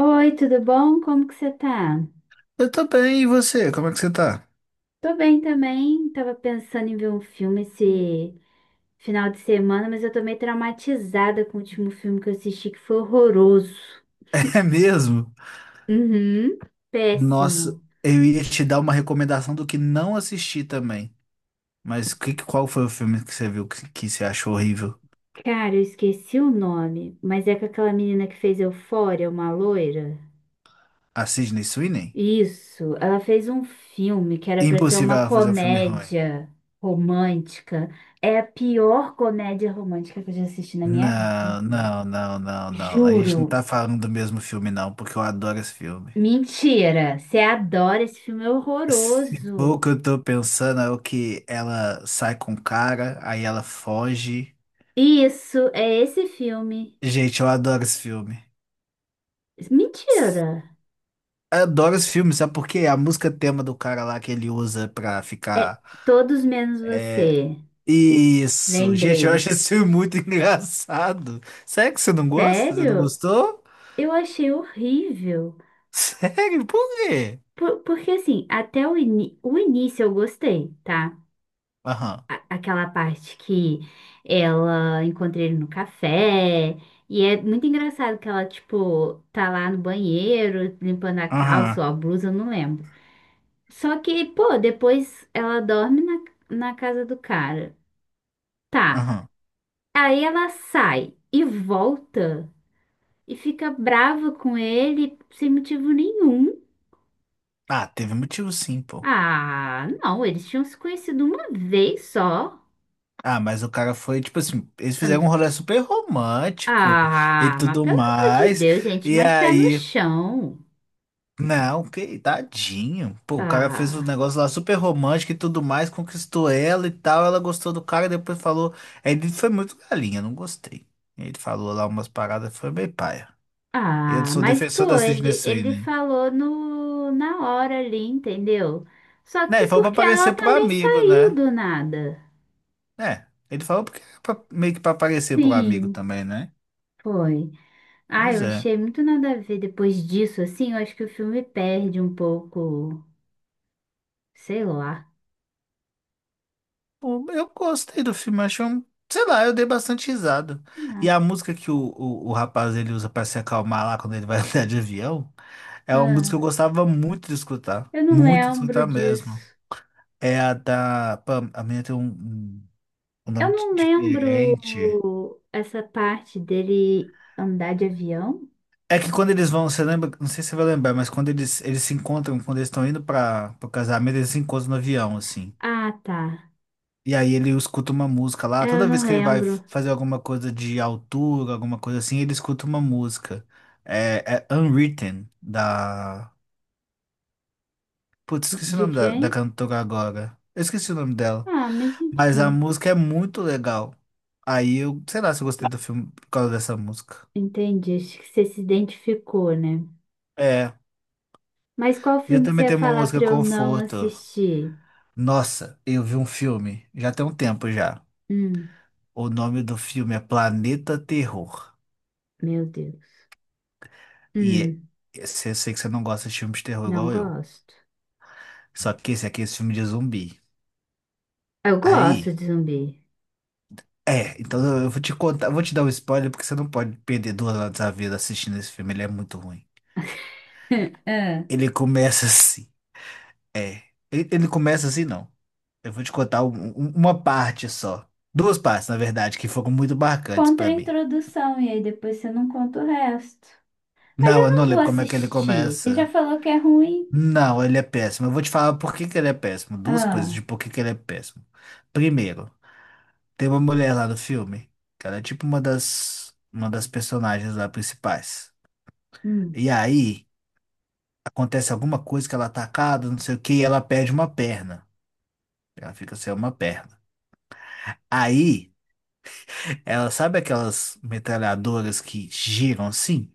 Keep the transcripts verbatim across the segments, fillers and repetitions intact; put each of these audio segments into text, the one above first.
Oi, tudo bom? Como que você tá? Eu tô bem, e você? Como é que você tá? Tô bem também. Tava pensando em ver um filme esse final de semana, mas eu tô meio traumatizada com o último filme que eu assisti, que foi horroroso. É mesmo? Uhum, Nossa, péssimo. eu ia te dar uma recomendação do que não assisti também. Mas que, que- qual foi o filme que você viu que, que você achou horrível? Cara, eu esqueci o nome, mas é com aquela menina que fez Eufória, uma loira. A Sydney Sweeney? Isso, ela fez um filme que era pra ser Impossível uma ela fazer um filme ruim. comédia romântica. É a pior comédia romântica que eu já assisti na minha Não, vida. não, não, não, não. A gente Juro. não tá falando do mesmo filme, não, porque eu adoro esse filme. Mentira, você adora esse filme, é Se for o horroroso. que eu tô pensando, é o que ela sai com o cara, aí ela foge. Isso, é esse filme. Gente, eu adoro esse filme. Mentira. Adoro esse filme, sabe por quê? A música tema do cara lá que ele usa pra É ficar. Todos Menos É. Você. Isso! Gente, eu acho Lembrei. esse filme muito engraçado. Sério que você não gosta? Você não Sério? gostou? Eu achei horrível. Sério? Por quê? Por- porque assim, até o, ini- o início eu gostei, tá? Aham, A- aquela parte que ela encontra ele no café. E é muito engraçado que ela, tipo, tá lá no banheiro, limpando a calça ou aham, a blusa, eu não lembro. Só que, pô, depois ela dorme na, na casa do cara. Tá. aham. Aí ela sai e volta e fica brava com ele sem motivo nenhum. Ah, teve motivo sim, pô. Ah, não, eles tinham se conhecido uma vez só. Ah, mas o cara foi, tipo assim, eles fizeram um rolê super romântico e Ah, mas tudo pelo amor de mais. Deus, gente, E mais pé no aí. chão. Não, que tadinho. Pô, o cara fez um Ah, negócio lá super romântico e tudo mais, conquistou ela e tal. Ela gostou do cara, depois falou. Ele foi muito galinha, não gostei. Ele falou lá umas paradas, foi meio paia. Eu ah, sou mas defensor da pô, Sidney ele, ele Sweeney. falou no, na hora ali, entendeu? Só Né, que ele falou pra porque aparecer ela pro também amigo, saiu né? do nada. É, ele falou porque era pra- meio que pra aparecer pro amigo Sim, também, né? foi. Ah, Pois eu é. achei muito nada a ver depois disso, assim, eu acho que o filme perde um pouco, sei lá. Pô, eu gostei do filme, achei um. Sei lá, eu dei bastante risada. E Ah, a música que o, o, o rapaz ele usa pra se acalmar lá quando ele vai andar de avião. É uma música que eu ah, gostava muito de escutar. eu não Muito de lembro escutar mesmo. disso. É a da. Pam, a minha tem um, um um Eu nome di- não diferente. lembro essa parte dele andar de avião. É que quando eles vão, você lembra? Não sei se você vai lembrar, mas quando eles, eles se encontram, quando eles estão indo para o casamento, eles se encontram no avião, assim. Ah, tá. E aí ele escuta uma música É, lá. eu Toda vez não que ele vai lembro fazer alguma coisa de altura, alguma coisa assim, ele escuta uma música. É, é Unwritten, da. Putz, esqueci o de nome da, da quem. cantora agora. Eu esqueci o nome dela. Ah, mas Mas a enfim, música é muito legal. Aí eu, sei lá se eu gostei do filme por causa dessa música. entendi. Acho que você se identificou, né? É. Mas qual E eu filme que você também ia tenho uma falar música pra eu não conforto. assistir? Nossa, eu vi um filme, já tem um tempo já. Hum, O nome do filme é Planeta Terror. meu Deus. E é- Hum. esse- eu sei que você não gosta de filmes de terror Não igual eu. gosto. Só que esse aqui é esse filme de zumbi. Eu gosto Aí, de zumbi. é, então eu vou te contar, vou te dar um spoiler porque você não pode perder duas horas da vida assistindo esse filme, ele é muito ruim. Ah, Ele começa assim. Ele, ele começa assim, não. Eu vou te contar um- um- uma parte só. Duas partes, na verdade, que foram muito marcantes contra pra a mim. introdução, e aí depois você não conta o resto. Mas Não, eu eu não não vou lembro como é que ele assistir. Você já começa. falou que é ruim? Não, ele é péssimo. Eu vou te falar por que que ele é péssimo. Duas coisas Ah, de por que que ele é péssimo. Primeiro, tem uma mulher lá no filme, que ela é tipo uma das, uma das personagens lá principais. hum, E aí, acontece alguma coisa que ela é atacada, não sei o que, e ela perde uma perna. Ela fica sem uma perna. Aí. Ela sabe aquelas metralhadoras que giram assim?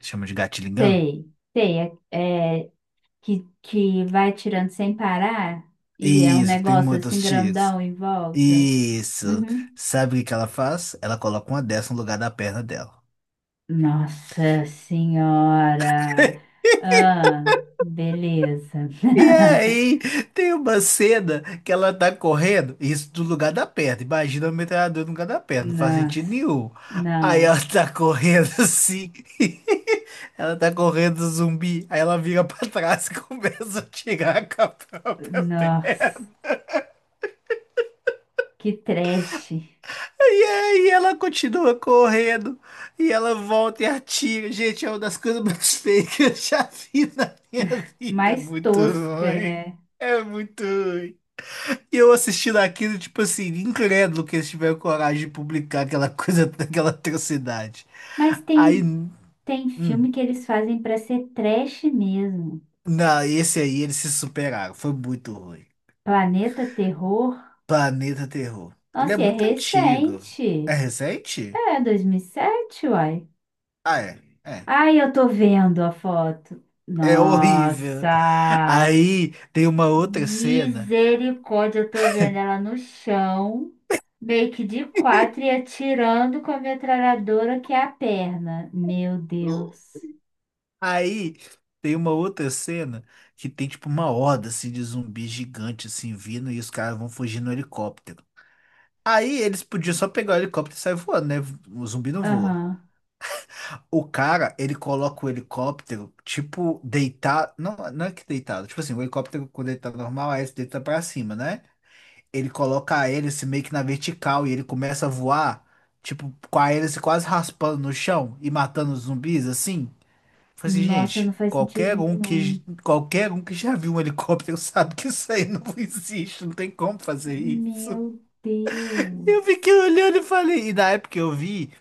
Chama de gatilho gun? sei, sei. É, é que, que vai tirando sem parar e é um Isso, que tem negócio assim muitos tiros. grandão em volta. Isso. Uhum. Sabe o que que ela faz? Ela coloca uma dessa no lugar da perna dela. Nossa Senhora! Ah, beleza. E aí, tem uma cena que ela tá correndo, isso do lugar da perna. Imagina o metralhador no lugar da perna, não faz sentido Nossa, nenhum. Aí não. ela tá correndo assim, ela tá correndo zumbi, aí ela vira pra trás e começa a tirar com a própria perna. Nossa, que trash. E aí ela continua correndo e ela volta e atira. Gente, é uma das coisas mais feias que eu já vi na minha vida. É Mais muito tosca, ruim. né? É muito ruim. E eu assistindo aquilo, tipo assim, incrédulo que eles tiveram coragem de publicar aquela coisa, aquela atrocidade. Mas Aí, tem, tem hum, filme que eles fazem pra ser trash mesmo. não, esse aí eles se superaram. Foi muito ruim. Planeta Terror. Planeta Terror. Ele é Nossa, e é muito antigo. É recente. recente? É, dois mil e sete, uai. Ah, é. É. Ai, eu tô vendo a foto. É horrível. Nossa! Aí tem uma outra cena. Misericórdia, eu tô vendo ela no chão, meio que de quatro e atirando com a metralhadora que é a perna. Meu No- Deus. Aí tem uma outra cena que tem tipo uma horda assim de zumbi gigante assim vindo e os caras vão fugir no helicóptero. Aí eles podiam só pegar o helicóptero e sair voando, né? O zumbi não voa. Aham. O cara, ele coloca o helicóptero, tipo, deitado. Não, não é que deitado. Tipo assim, o helicóptero quando ele tá normal, aí ele deita pra cima, né? Ele coloca a hélice meio que na vertical e ele começa a voar, tipo, com a hélice quase raspando no chão e matando os zumbis, assim. Falei assim, Nossa, não gente, faz sentido qualquer um nenhum. que, qualquer um que já viu um helicóptero sabe que isso aí não existe, não tem como fazer isso. Meu Deus. Eu fiquei olhando e falei, e na época que eu vi,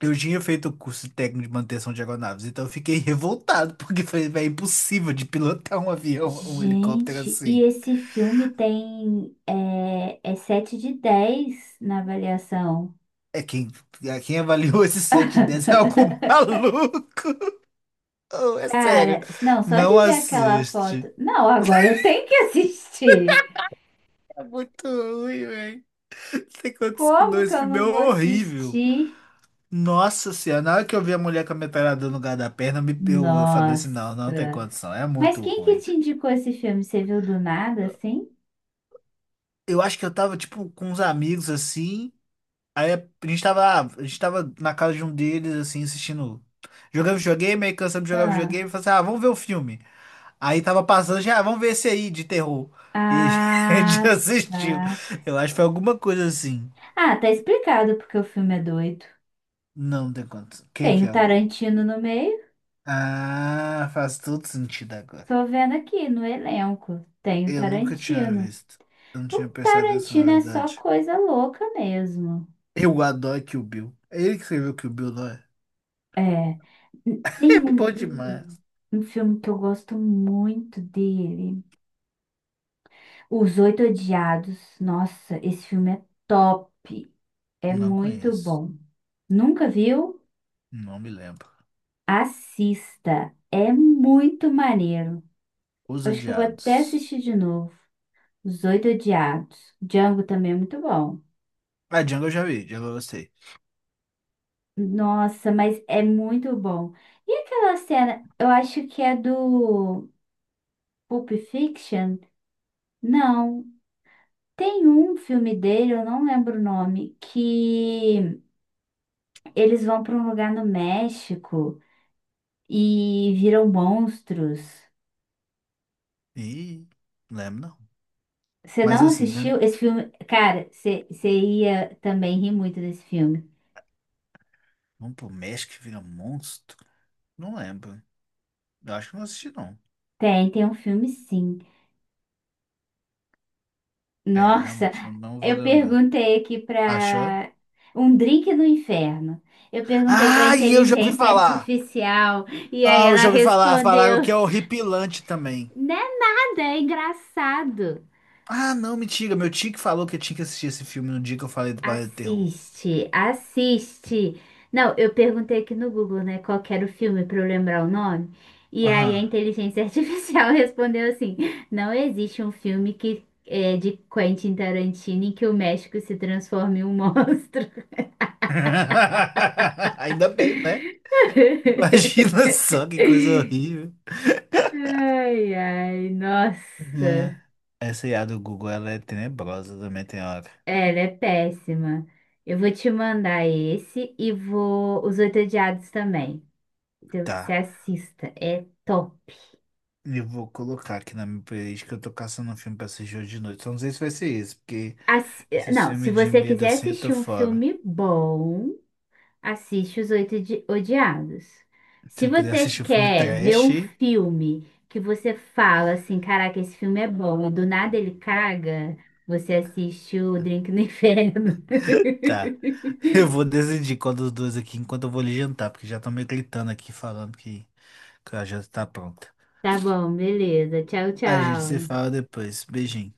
eu tinha feito o curso técnico de manutenção de aeronaves, então eu fiquei revoltado, porque falei, "Véi, é impossível de pilotar um avião, um helicóptero Gente, e assim. esse filme tem é, é sete de dez na avaliação. É quem, é quem avaliou esse sete de dez é algo maluco. Oh, é sério. Cara, não, só Não de ver aquela assiste. foto. Não, agora eu tenho que assistir. É muito ruim, velho. Não tem condição não. Como que Esse eu filme é não vou horrível. assistir? Nossa senhora, na hora que eu vi a mulher com a metralhadora no lugar da perna, me- eu eu falei assim, não, não tem Nossa. condição. É Mas muito quem que ruim. te indicou esse filme? Você viu do nada, assim? Eu acho que eu tava, tipo, com uns amigos, assim. A gente tava, ah, a gente tava na casa de um deles, assim, assistindo. Jogando videogame, aí cansamos de jogar Ah, videogame. Falei assim, ah, vamos ver o filme. Aí tava passando, já, ah, vamos ver esse aí de terror. E a gente ah, assistiu. tá. Eu acho que foi alguma coisa assim. Ah, tá explicado porque o filme é doido. Não tem quanto. Quem Tem que o é o. Tarantino no meio. Ah, faz todo sentido agora. Tô vendo aqui no elenco. Tem o Eu nunca tinha Tarantino. visto. Eu não O tinha prestado atenção, na Tarantino é só verdade. coisa louca mesmo. Eu adoro Kill Bill. É ele que escreveu Kill Bill, não é? É. Tem É bom um, um demais. um filme que eu gosto muito dele. Os Oito Odiados. Nossa, esse filme é top. É Não muito conheço. bom. Nunca viu? Não me lembro. Assista. É muito maneiro. Os Acho que eu vou até assistir Odiados. de novo. Os Oito Odiados. Django também é muito bom. Ah, Django eu já vi, Django eu gostei. Nossa, mas é muito bom. E aquela cena, eu acho que é do Pulp Fiction? Não. Tem um filme dele, eu não lembro o nome, que eles vão para um lugar no México e viram monstros. Ih, não lembro não. Você Mas não assim, mesmo- assistiu esse filme? Cara, você você ia também rir muito desse filme. vamos pro México que vira um monstro? Não lembro. Eu acho que não assisti, não. Tem, tem um filme sim. É, eu Nossa. realmente não vou Eu lembrar. perguntei aqui Achou? para um drink do inferno. Eu perguntei para Ah, e eu já ouvi inteligência falar! artificial e aí Ah, eu ela já ouvi falar. Falaram respondeu: que é horripilante também. "Não é nada, é engraçado. Ah, não, mentira. Meu tio que falou que eu tinha que assistir esse filme no dia que eu falei do Balé do Terror. Assiste, assiste." Não, eu perguntei aqui no Google, né, qual que era o filme para eu lembrar o nome. E aí a Aham. inteligência artificial respondeu assim: "Não existe um filme que é de Quentin Tarantino em que o México se transforme em um monstro." Ainda bem, né? Imagina só que coisa horrível. Ai, ai, É. nossa. Essa I A do Google, ela é tenebrosa também, tem hora. É, ela é péssima. Eu vou te mandar esse e vou os Oito Odiados também. Se você Tá. assista, é top. Eu vou colocar aqui na minha playlist que eu tô caçando um filme pra assistir hoje de noite. Só não sei se vai ser esse, porque Assi- esse Não, se filme de você medo quiser assim eu tô assistir um fora. filme bom, assiste Os Oito Di- Odiados. Se Se eu quiser você assistir um filme quer ver trash, um filme que você fala assim, caraca, esse filme é bom, e do nada ele caga, você assiste o Drink no Inferno. tá. Eu vou decidir qual dos dois aqui enquanto eu vou lhe jantar, porque já estão me gritando aqui falando que, que a janta tá pronta. Tá bom, beleza. Tchau, A gente se tchau. fala depois. Beijinho.